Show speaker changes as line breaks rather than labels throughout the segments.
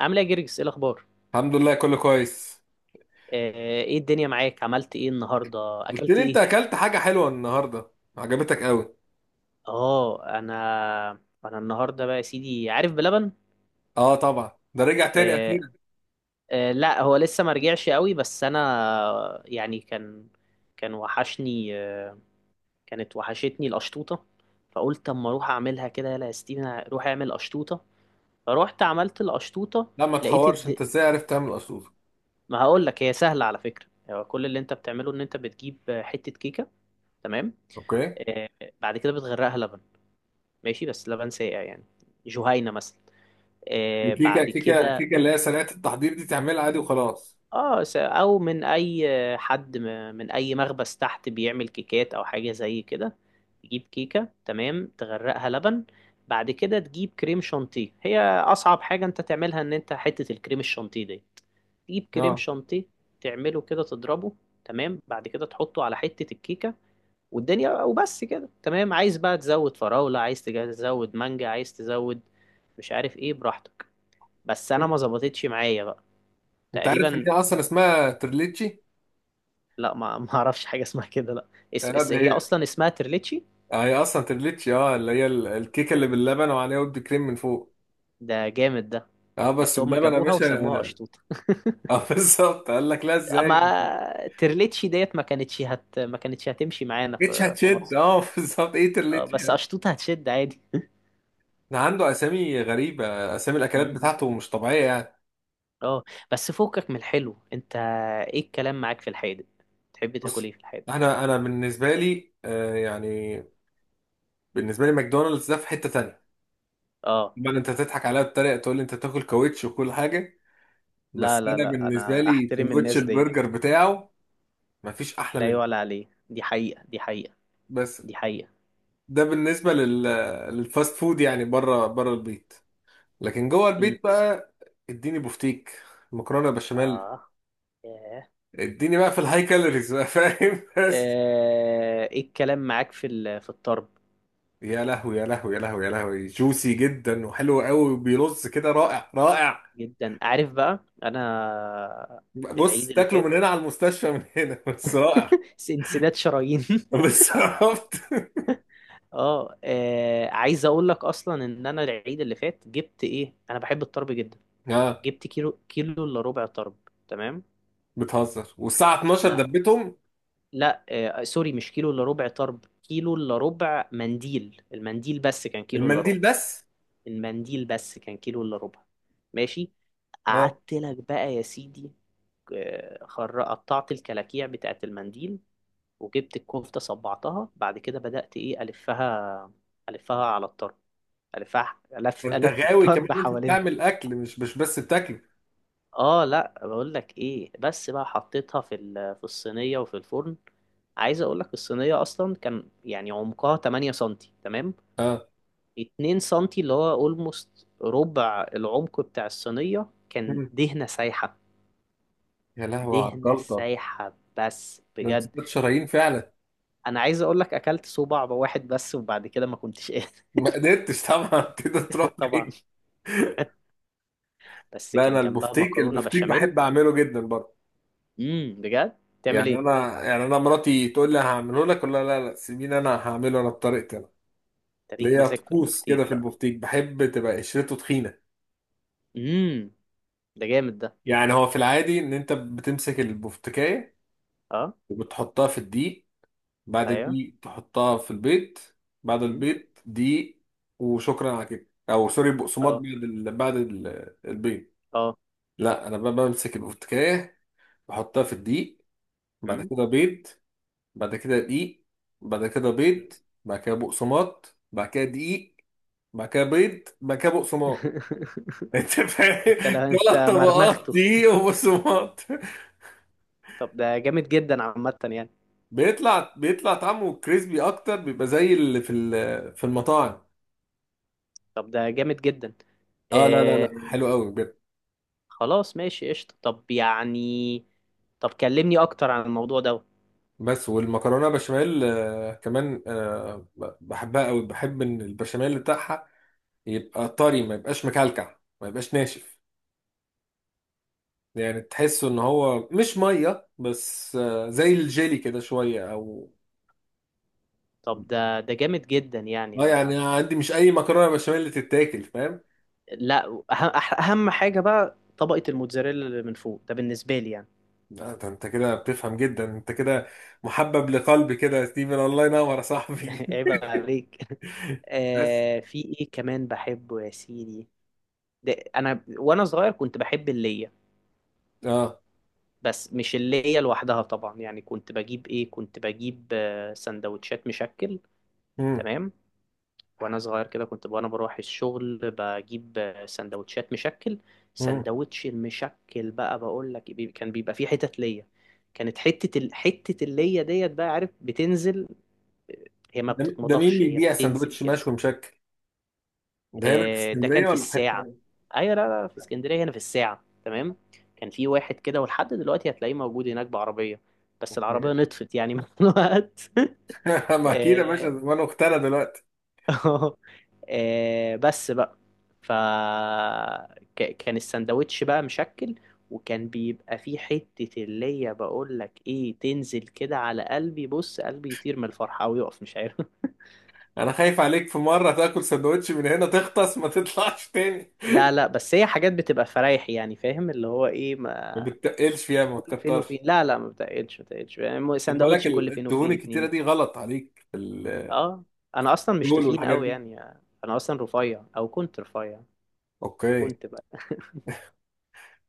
عامل ايه يا جرجس؟ ايه الاخبار؟
الحمد لله كله كويس.
آه، ايه الدنيا معاك؟ عملت ايه النهارده؟
قلت
اكلت
لي انت
ايه؟
اكلت حاجه حلوه النهارده، عجبتك قوي.
اه، انا النهارده بقى يا سيدي عارف بلبن.
اه طبعا ده رجع تاني
آه.
اخيرا.
آه، لا هو لسه ما رجعش قوي، بس انا يعني كان وحشني. كانت وحشتني القشطوطه. فقلت اما اروح اعملها كده، يلا يا ستيفن روح اعمل قشطوطه. فروحت عملت القشطوطه.
لا ما
لقيت
تحورش،
الد...
انت ازاي عرفت تعمل قشطوطه؟
ما هقول لك، هي سهله على فكره. هو كل اللي انت بتعمله ان انت بتجيب حته كيكه، تمام.
اوكي.
آه، بعد كده بتغرقها لبن. ماشي، بس لبن ساقع يعني، جهينة مثلا. آه،
الكيكه
بعد
كيكه
كده.
كيكه اللي هي سريعه التحضير دي تعملها عادي وخلاص.
اه، س- او من اي آه، حد من اي مخبز تحت بيعمل كيكات او حاجة زي كده. تجيب كيكة، تمام، تغرقها لبن. بعد كده تجيب كريم شانتيه. هي اصعب حاجة انت تعملها ان انت حتة الكريم الشانتيه دي، تجيب كريم
اه،
شانتيه، تعمله كده، تضربه. تمام، بعد كده تحطه على حتة الكيكة. والدنيا وبس كده، تمام. عايز بقى تزود فراولة، عايز تزود مانجا، عايز تزود مش عارف ايه، براحتك. بس انا ما ظبطتش معايا بقى،
انت عارف ان
تقريبا.
هي اصلا اسمها ترليتشي.
لا، ما اعرفش حاجه اسمها كده، لا.
اه ده
هي
هي،
اصلا اسمها ترليتشي.
هي اصلا ترليتشي، اه اللي هي الكيكه اللي باللبن وعليها ود كريم من فوق.
ده جامد ده.
اه بس
بس هما
اللبن يا
جابوها
باشا.
وسموها قشطوطه.
اه بالظبط، قال لك لا ازاي ما
اما ترليتشي ديت ما كانتش هتمشي معانا
جيتش
في
هتشد.
مصر.
اه بالظبط ايه
اه،
ترليتشي.
بس قشطوطه هتشد عادي.
ده عنده اسامي غريبه، اسامي الاكلات
م-م.
بتاعته مش طبيعيه يعني.
اه، بس فوقك من الحلو انت. ايه الكلام معاك في الحادق؟ تحب تاكل ايه
بص،
في الحادق؟
انا بالنسبه لي يعني بالنسبه لي ماكدونالدز ده في حته تانية.
اه،
طبعا انت تضحك عليا بطريقه تقول لي انت تاكل كاوتش وكل حاجه،
لا
بس
لا
انا
لا،
بالنسبه
انا
لي
احترم
سندوتش
الناس دي.
البرجر بتاعه مفيش احلى
لا يعلى
منه.
عليه، دي حقيقة، دي حقيقة،
بس
دي حقيقة.
ده بالنسبه لل للفاست فود يعني بره البيت. لكن جوه البيت بقى، اديني بوفتيك، مكرونه بشاميل،
اه. ياه.
اديني بقى في الهاي كالوريز بقى فاهم بس
آه، ايه الكلام معاك في الطرب؟
يا لهوي يا لهوي يا لهوي يا لهوي، جوسي جدا وحلو قوي وبيرص كده، رائع رائع.
جدا عارف بقى انا،
بص
العيد اللي
تاكله
فات.
من هنا على المستشفى من هنا بس رائع.
انسداد شرايين.
بس عرفت
اه. عايز اقول لك اصلا ان انا العيد اللي فات جبت ايه، انا بحب الطرب جدا.
اه.
جبت كيلو الا ربع طرب، تمام.
بتهزر، والساعة 12
لا
دبتهم.
لا، سوري، مش كيلو الا ربع طرب، كيلو الا ربع منديل. المنديل بس كان كيلو الا ربع.
المنديل بس.
المنديل بس كان كيلو الا ربع. ماشي،
اه
قعدت لك بقى يا سيدي. قطعت الكلاكيع بتاعت المنديل. وجبت الكفتة، صبعتها، بعد كده بدأت إيه ألفها. ألفها على الطرب، ألفها، ألف
انت
ألف
غاوي كمان
الطرب
إن انت
حوالينها.
بتعمل اكل مش بس بتاكل.
آه لأ، بقول لك إيه، بس بقى حطيتها في الصينية وفي الفرن. عايز أقول لك الصينية أصلا كان يعني عمقها 8 سنتي، تمام.
اه.
2 سنتي اللي هو أولموست ربع العمق بتاع الصينية كان
مم.
دهنة سايحة.
يا لهوي على
دهنة
الجلطة،
سايحة بس
ده انت
بجد.
ست شرايين فعلا.
انا عايز اقول لك اكلت صوبع واحد بس، وبعد كده ما كنتش قادر.
ما قدرتش طبعا تقدر تروح
طبعا.
بعيد.
بس
لا
كان
انا
جنبها
البفتيك،
مكرونه
البفتيك
بشاميل.
بحب اعمله جدا برضه.
بجد؟ تعمل
يعني
ايه؟
انا، يعني انا مراتي تقول لي هعمله لك، ولا لا، سيبيني انا هعمله انا بطريقتي انا.
تريك
ليا
مزاج في
طقوس كده
البفتيك
في
بقى.
البفتيك، بحب تبقى قشرته تخينه.
امم ده جامد ده.
يعني هو في العادي ان انت بتمسك البفتكايه
اه.
وبتحطها في الدقيق، بعد
ايوه.
الدقيق تحطها في البيض، بعد
امم.
البيض دقيق، وشكرا على كده، او سوري بقسماط بعد
اه.
بعد البيض.
اه.
لا انا بقى بمسك البفتكايه، بحطها في الدقيق، بعد
امم.
كده بيض، بعد كده دقيق، بعد كده
أمم.
بيض، بعد كده بقسماط، بعد كده دقيق، بعد كده بيض، بعد كده بقسماط انت فاهم،
انت، لا انت
ثلاث طبقات
مرمخته.
دقيق وبقسماط.
طب ده جامد جدا عامه يعني.
بيطلع طعمه كريسبي اكتر، بيبقى زي اللي في في المطاعم.
طب ده جامد جدا.
اه لا لا
آه
لا حلو قوي بجد.
خلاص ماشي قشطه، طب يعني. طب كلمني اكتر عن الموضوع ده.
بس والمكرونه بشاميل كمان بحبها قوي، بحب ان البشاميل بتاعها يبقى طري، ما يبقاش مكلكع، ما يبقاش ناشف. يعني تحسه ان هو مش ميه بس، زي الجيلي كده شويه او
طب ده جامد جدا يعني
اه. يعني
انا.
عندي مش اي مكرونه بشاميل اللي تتاكل فاهم.
لا. أهم أهم حاجة بقى طبقة الموتزاريلا اللي من فوق ده بالنسبة لي يعني.
لا ده انت كده بتفهم جدا، انت كده محبب لقلبي كده يا ستيفن، الله ينور يا صاحبي
عيب عليك.
بس.
آه، في إيه كمان بحبه يا سيدي؟ ده أنا وأنا صغير كنت بحب اللية.
اه.
بس مش اللية لوحدها طبعا، يعني كنت بجيب سندوتشات مشكل.
امم
تمام. وأنا صغير كده كنت، وأنا بروح الشغل، بجيب سندوتشات مشكل.
امم
سندوتش المشكل بقى بقول لك، كان بيبقى فيه حتت ليا. كانت حتة اللية ديت بقى، عارف، بتنزل. هي ما
ده ده مين
بتتمضغش، هي
بيبيع
بتنزل
سندوتش
كده.
مشوي مشكل؟ ده هنا في
آه، ده كان
اسكندريه
في
ولا في حته
الساعة.
تانية؟
أيوة، لا لا، في اسكندرية هنا في الساعة، تمام. كان في واحد كده ولحد دلوقتي هتلاقيه موجود هناك بعربية. بس العربية
أوكي.
نطفت يعني من الوقت.
ما اكيد يا باشا،
آه.
زمان اختنا دلوقتي.
بس بقى. ف كان السندوتش بقى مشكل. وكان بيبقى فيه حتة اللي هي، بقول لك ايه، تنزل كده على قلبي. بص، قلبي يطير من الفرحة ويقف، مش عارف.
انا خايف عليك في مره تاكل سندوتش من هنا تغطس ما تطلعش تاني.
لا لا، بس هي حاجات بتبقى فرايح يعني، فاهم اللي هو ايه،
ما
ما
بتتقلش فيها، ما
كل فين
تكترش.
وفين. لا لا، ما بتقلش ما بتقلش يعني،
خد بالك
سندوتش كل فين
الدهون
وفين
الكتيرة
اتنين.
دي غلط عليك، الكوليسترول
اه، انا اصلا مش تخين
والحاجات
قوي
دي.
يعني. انا اصلا رفيع، او كنت رفيع.
اوكي.
كنت بقى،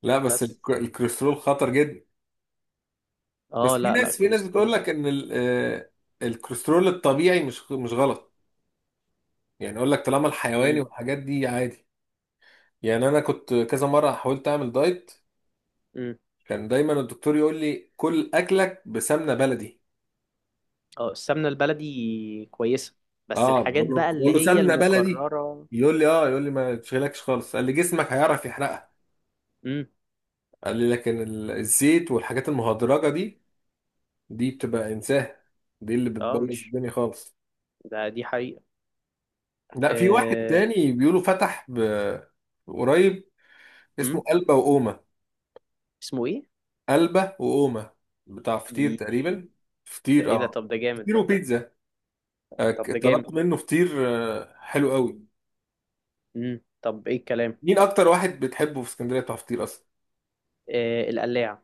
لا بس
بس.
الكوليسترول خطر جدا.
اه،
بس في
لا لا،
ناس، في ناس
الكوليسترول
بتقول
ولا.
لك ان الكوليسترول الطبيعي مش غلط. يعني اقول لك طالما الحيواني
امم.
والحاجات دي عادي. يعني انا كنت كذا مرة حاولت اعمل دايت،
امم.
كان دايما الدكتور يقول لي كل اكلك بسمنة بلدي.
اه، السمنة البلدي كويسة. بس
اه
الحاجات
بقول له،
بقى اللي
بقول له
هي
سمنة بلدي،
المكررة.
يقول لي اه، يقول لي ما تشغلكش خالص، قال لي جسمك هيعرف يحرقها.
امم.
قال لي لكن الزيت والحاجات المهدرجة دي، دي بتبقى انساه، دي اللي
اه،
بتبوظ
مش
الدنيا خالص.
ده دي حقيقة.
لا في واحد
آه.
تاني بيقولوا فتح قريب، اسمه
امم
قلبة وقومة.
اسمه ايه؟
قلبة وقومة بتاع
دي
فطير
دي
تقريبا،
ده
فطير
ايه ده؟
اه،
طب ده جامد
فطير
ده.
وبيتزا.
طب ده جامد.
طلبت منه فطير، حلو قوي.
مم. طب ايه الكلام.
مين اكتر واحد بتحبه في اسكندريه بتاع فطير اصلا؟
آه، القلاع.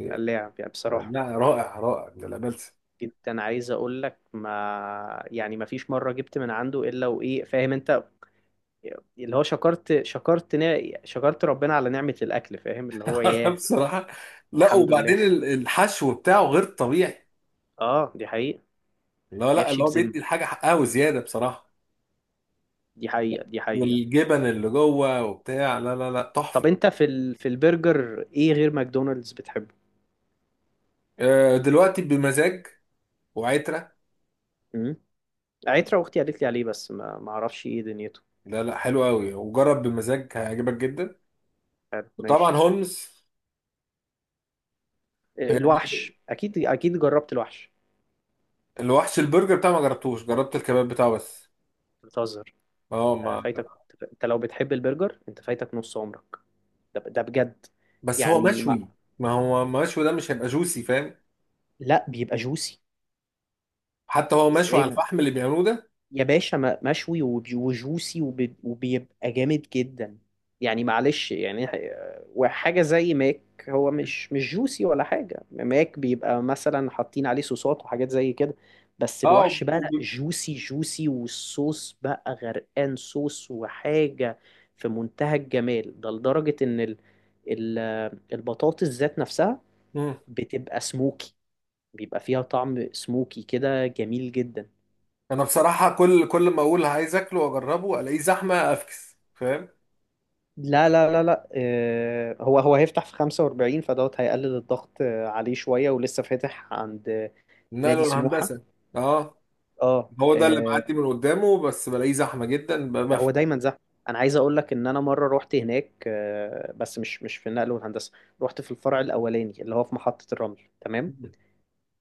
إيه،
القلاع يعني بصراحة،
لا رائع رائع ده، لا بلسه
جدا. عايز اقول لك ما يعني، ما فيش مرة جبت من عنده الا وايه، فاهم انت، اللي هو شكرت، شكرت ربنا على نعمة الاكل، فاهم اللي هو.
لا
ياه.
بصراحه، لا
الحمد لله.
وبعدين الحشو بتاعه غير طبيعي.
اه، دي حقيقة.
لا لا،
بيحشي
اللي هو
بذمة،
بيدي الحاجه حقها وزياده بصراحه،
دي حقيقة، دي حقيقة.
والجبن اللي جوه وبتاع، لا لا لا
طب
تحفة.
انت في البرجر ايه غير ماكدونالدز بتحبه؟
دلوقتي بمزاج وعترة.
امم عترة. اختي قالت لي عليه بس ما اعرفش ايه دنيته.
لا لا حلو قوي، وجرب بمزاج هيعجبك جدا.
حلو، ماشي.
وطبعا هولمز.
آه،
يعني
الوحش، اكيد اكيد جربت الوحش.
الوحش البرجر بتاعه ما جربتوش، جربت الكباب بتاعه بس.
بتهزر؟
اه ما.
آه، فايتك. انت لو بتحب البرجر انت فايتك نص عمرك. ده بجد.
بس هو
يعني ما...
مشوي، ما هو مشوي، ده مش هيبقى جوسي فاهم.
لا بيبقى جوسي.
حتى هو مشوي
ازاي
على الفحم اللي بيعملوه ده.
يا باشا، مشوي، وجوسي، وبيبقى جامد جدا. يعني معلش يعني وحاجة زي ماك، هو مش جوسي ولا حاجة. ماك بيبقى مثلا حاطين عليه صوصات وحاجات زي كده. بس
اه
الوحش
وب-
بقى لا،
وب-
جوسي جوسي، والصوص بقى غرقان صوص وحاجة. في منتهى الجمال، ده لدرجة إن البطاطس ذات نفسها
مم.
بتبقى سموكي. بيبقى فيها طعم سموكي كده، جميل جدا.
انا بصراحة كل ما اقول عايز اكله واجربه الاقيه زحمة افكس فاهم.
لا لا لا لا، هو هيفتح في 45 فدوت، هيقلل الضغط عليه شوية. ولسه فاتح عند نادي
نقله
سموحة.
الهندسة. اه
اه.
هو ده اللي بعدي من قدامه، بس بلاقيه زحمه جدا بقى، ما في.
هو دايما زحمة. انا عايز اقول لك ان انا مرة روحت هناك، بس مش في النقل والهندسة. روحت في الفرع الاولاني اللي هو في محطة الرمل، تمام.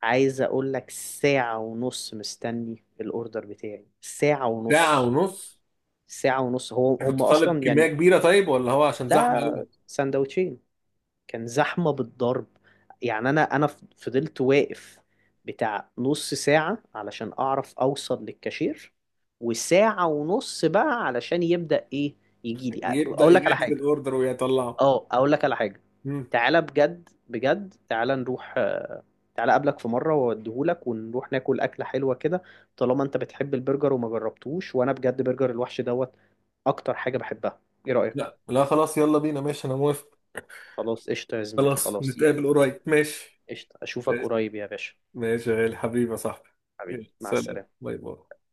عايز اقول لك ساعة ونص مستني الاوردر بتاعي، ساعة
ساعه
ونص.
ونص؟
ساعة ونص.
كنت
هم
طالب
اصلا
كميه
يعني.
كبيره طيب، ولا هو عشان زحمه
لا،
قوي؟
سندوتشين. كان زحمة بالضرب. يعني أنا فضلت واقف بتاع نص ساعة علشان أعرف أوصل للكاشير. وساعة ونص بقى علشان يبدأ إيه، يجي لي.
يبدا
أقول لك على
يجهز
حاجة.
الاوردر ويطلعه.
أه، أقول لك على حاجة.
مم.
تعالى بجد، بجد تعالى نروح. تعالى أقابلك في مرة وأوديهولك ونروح ناكل أكلة حلوة كده. طالما أنت بتحب البرجر وما جربتوش، وأنا بجد برجر الوحش دوت أكتر حاجة بحبها. إيه رأيك؟
لا لا خلاص يلا بينا، ماشي انا موافق.
خلاص، قشطة يا زميلي،
خلاص
خلاص يا.
نتقابل قريب، ماشي.
قشطة، أشوفك
ماشي،
قريب يا باشا.
ماشي يا غالي، حبيبي يا صاحبي.
حبيبي،
يلا،
مع
سلام،
السلامة.
باي باي.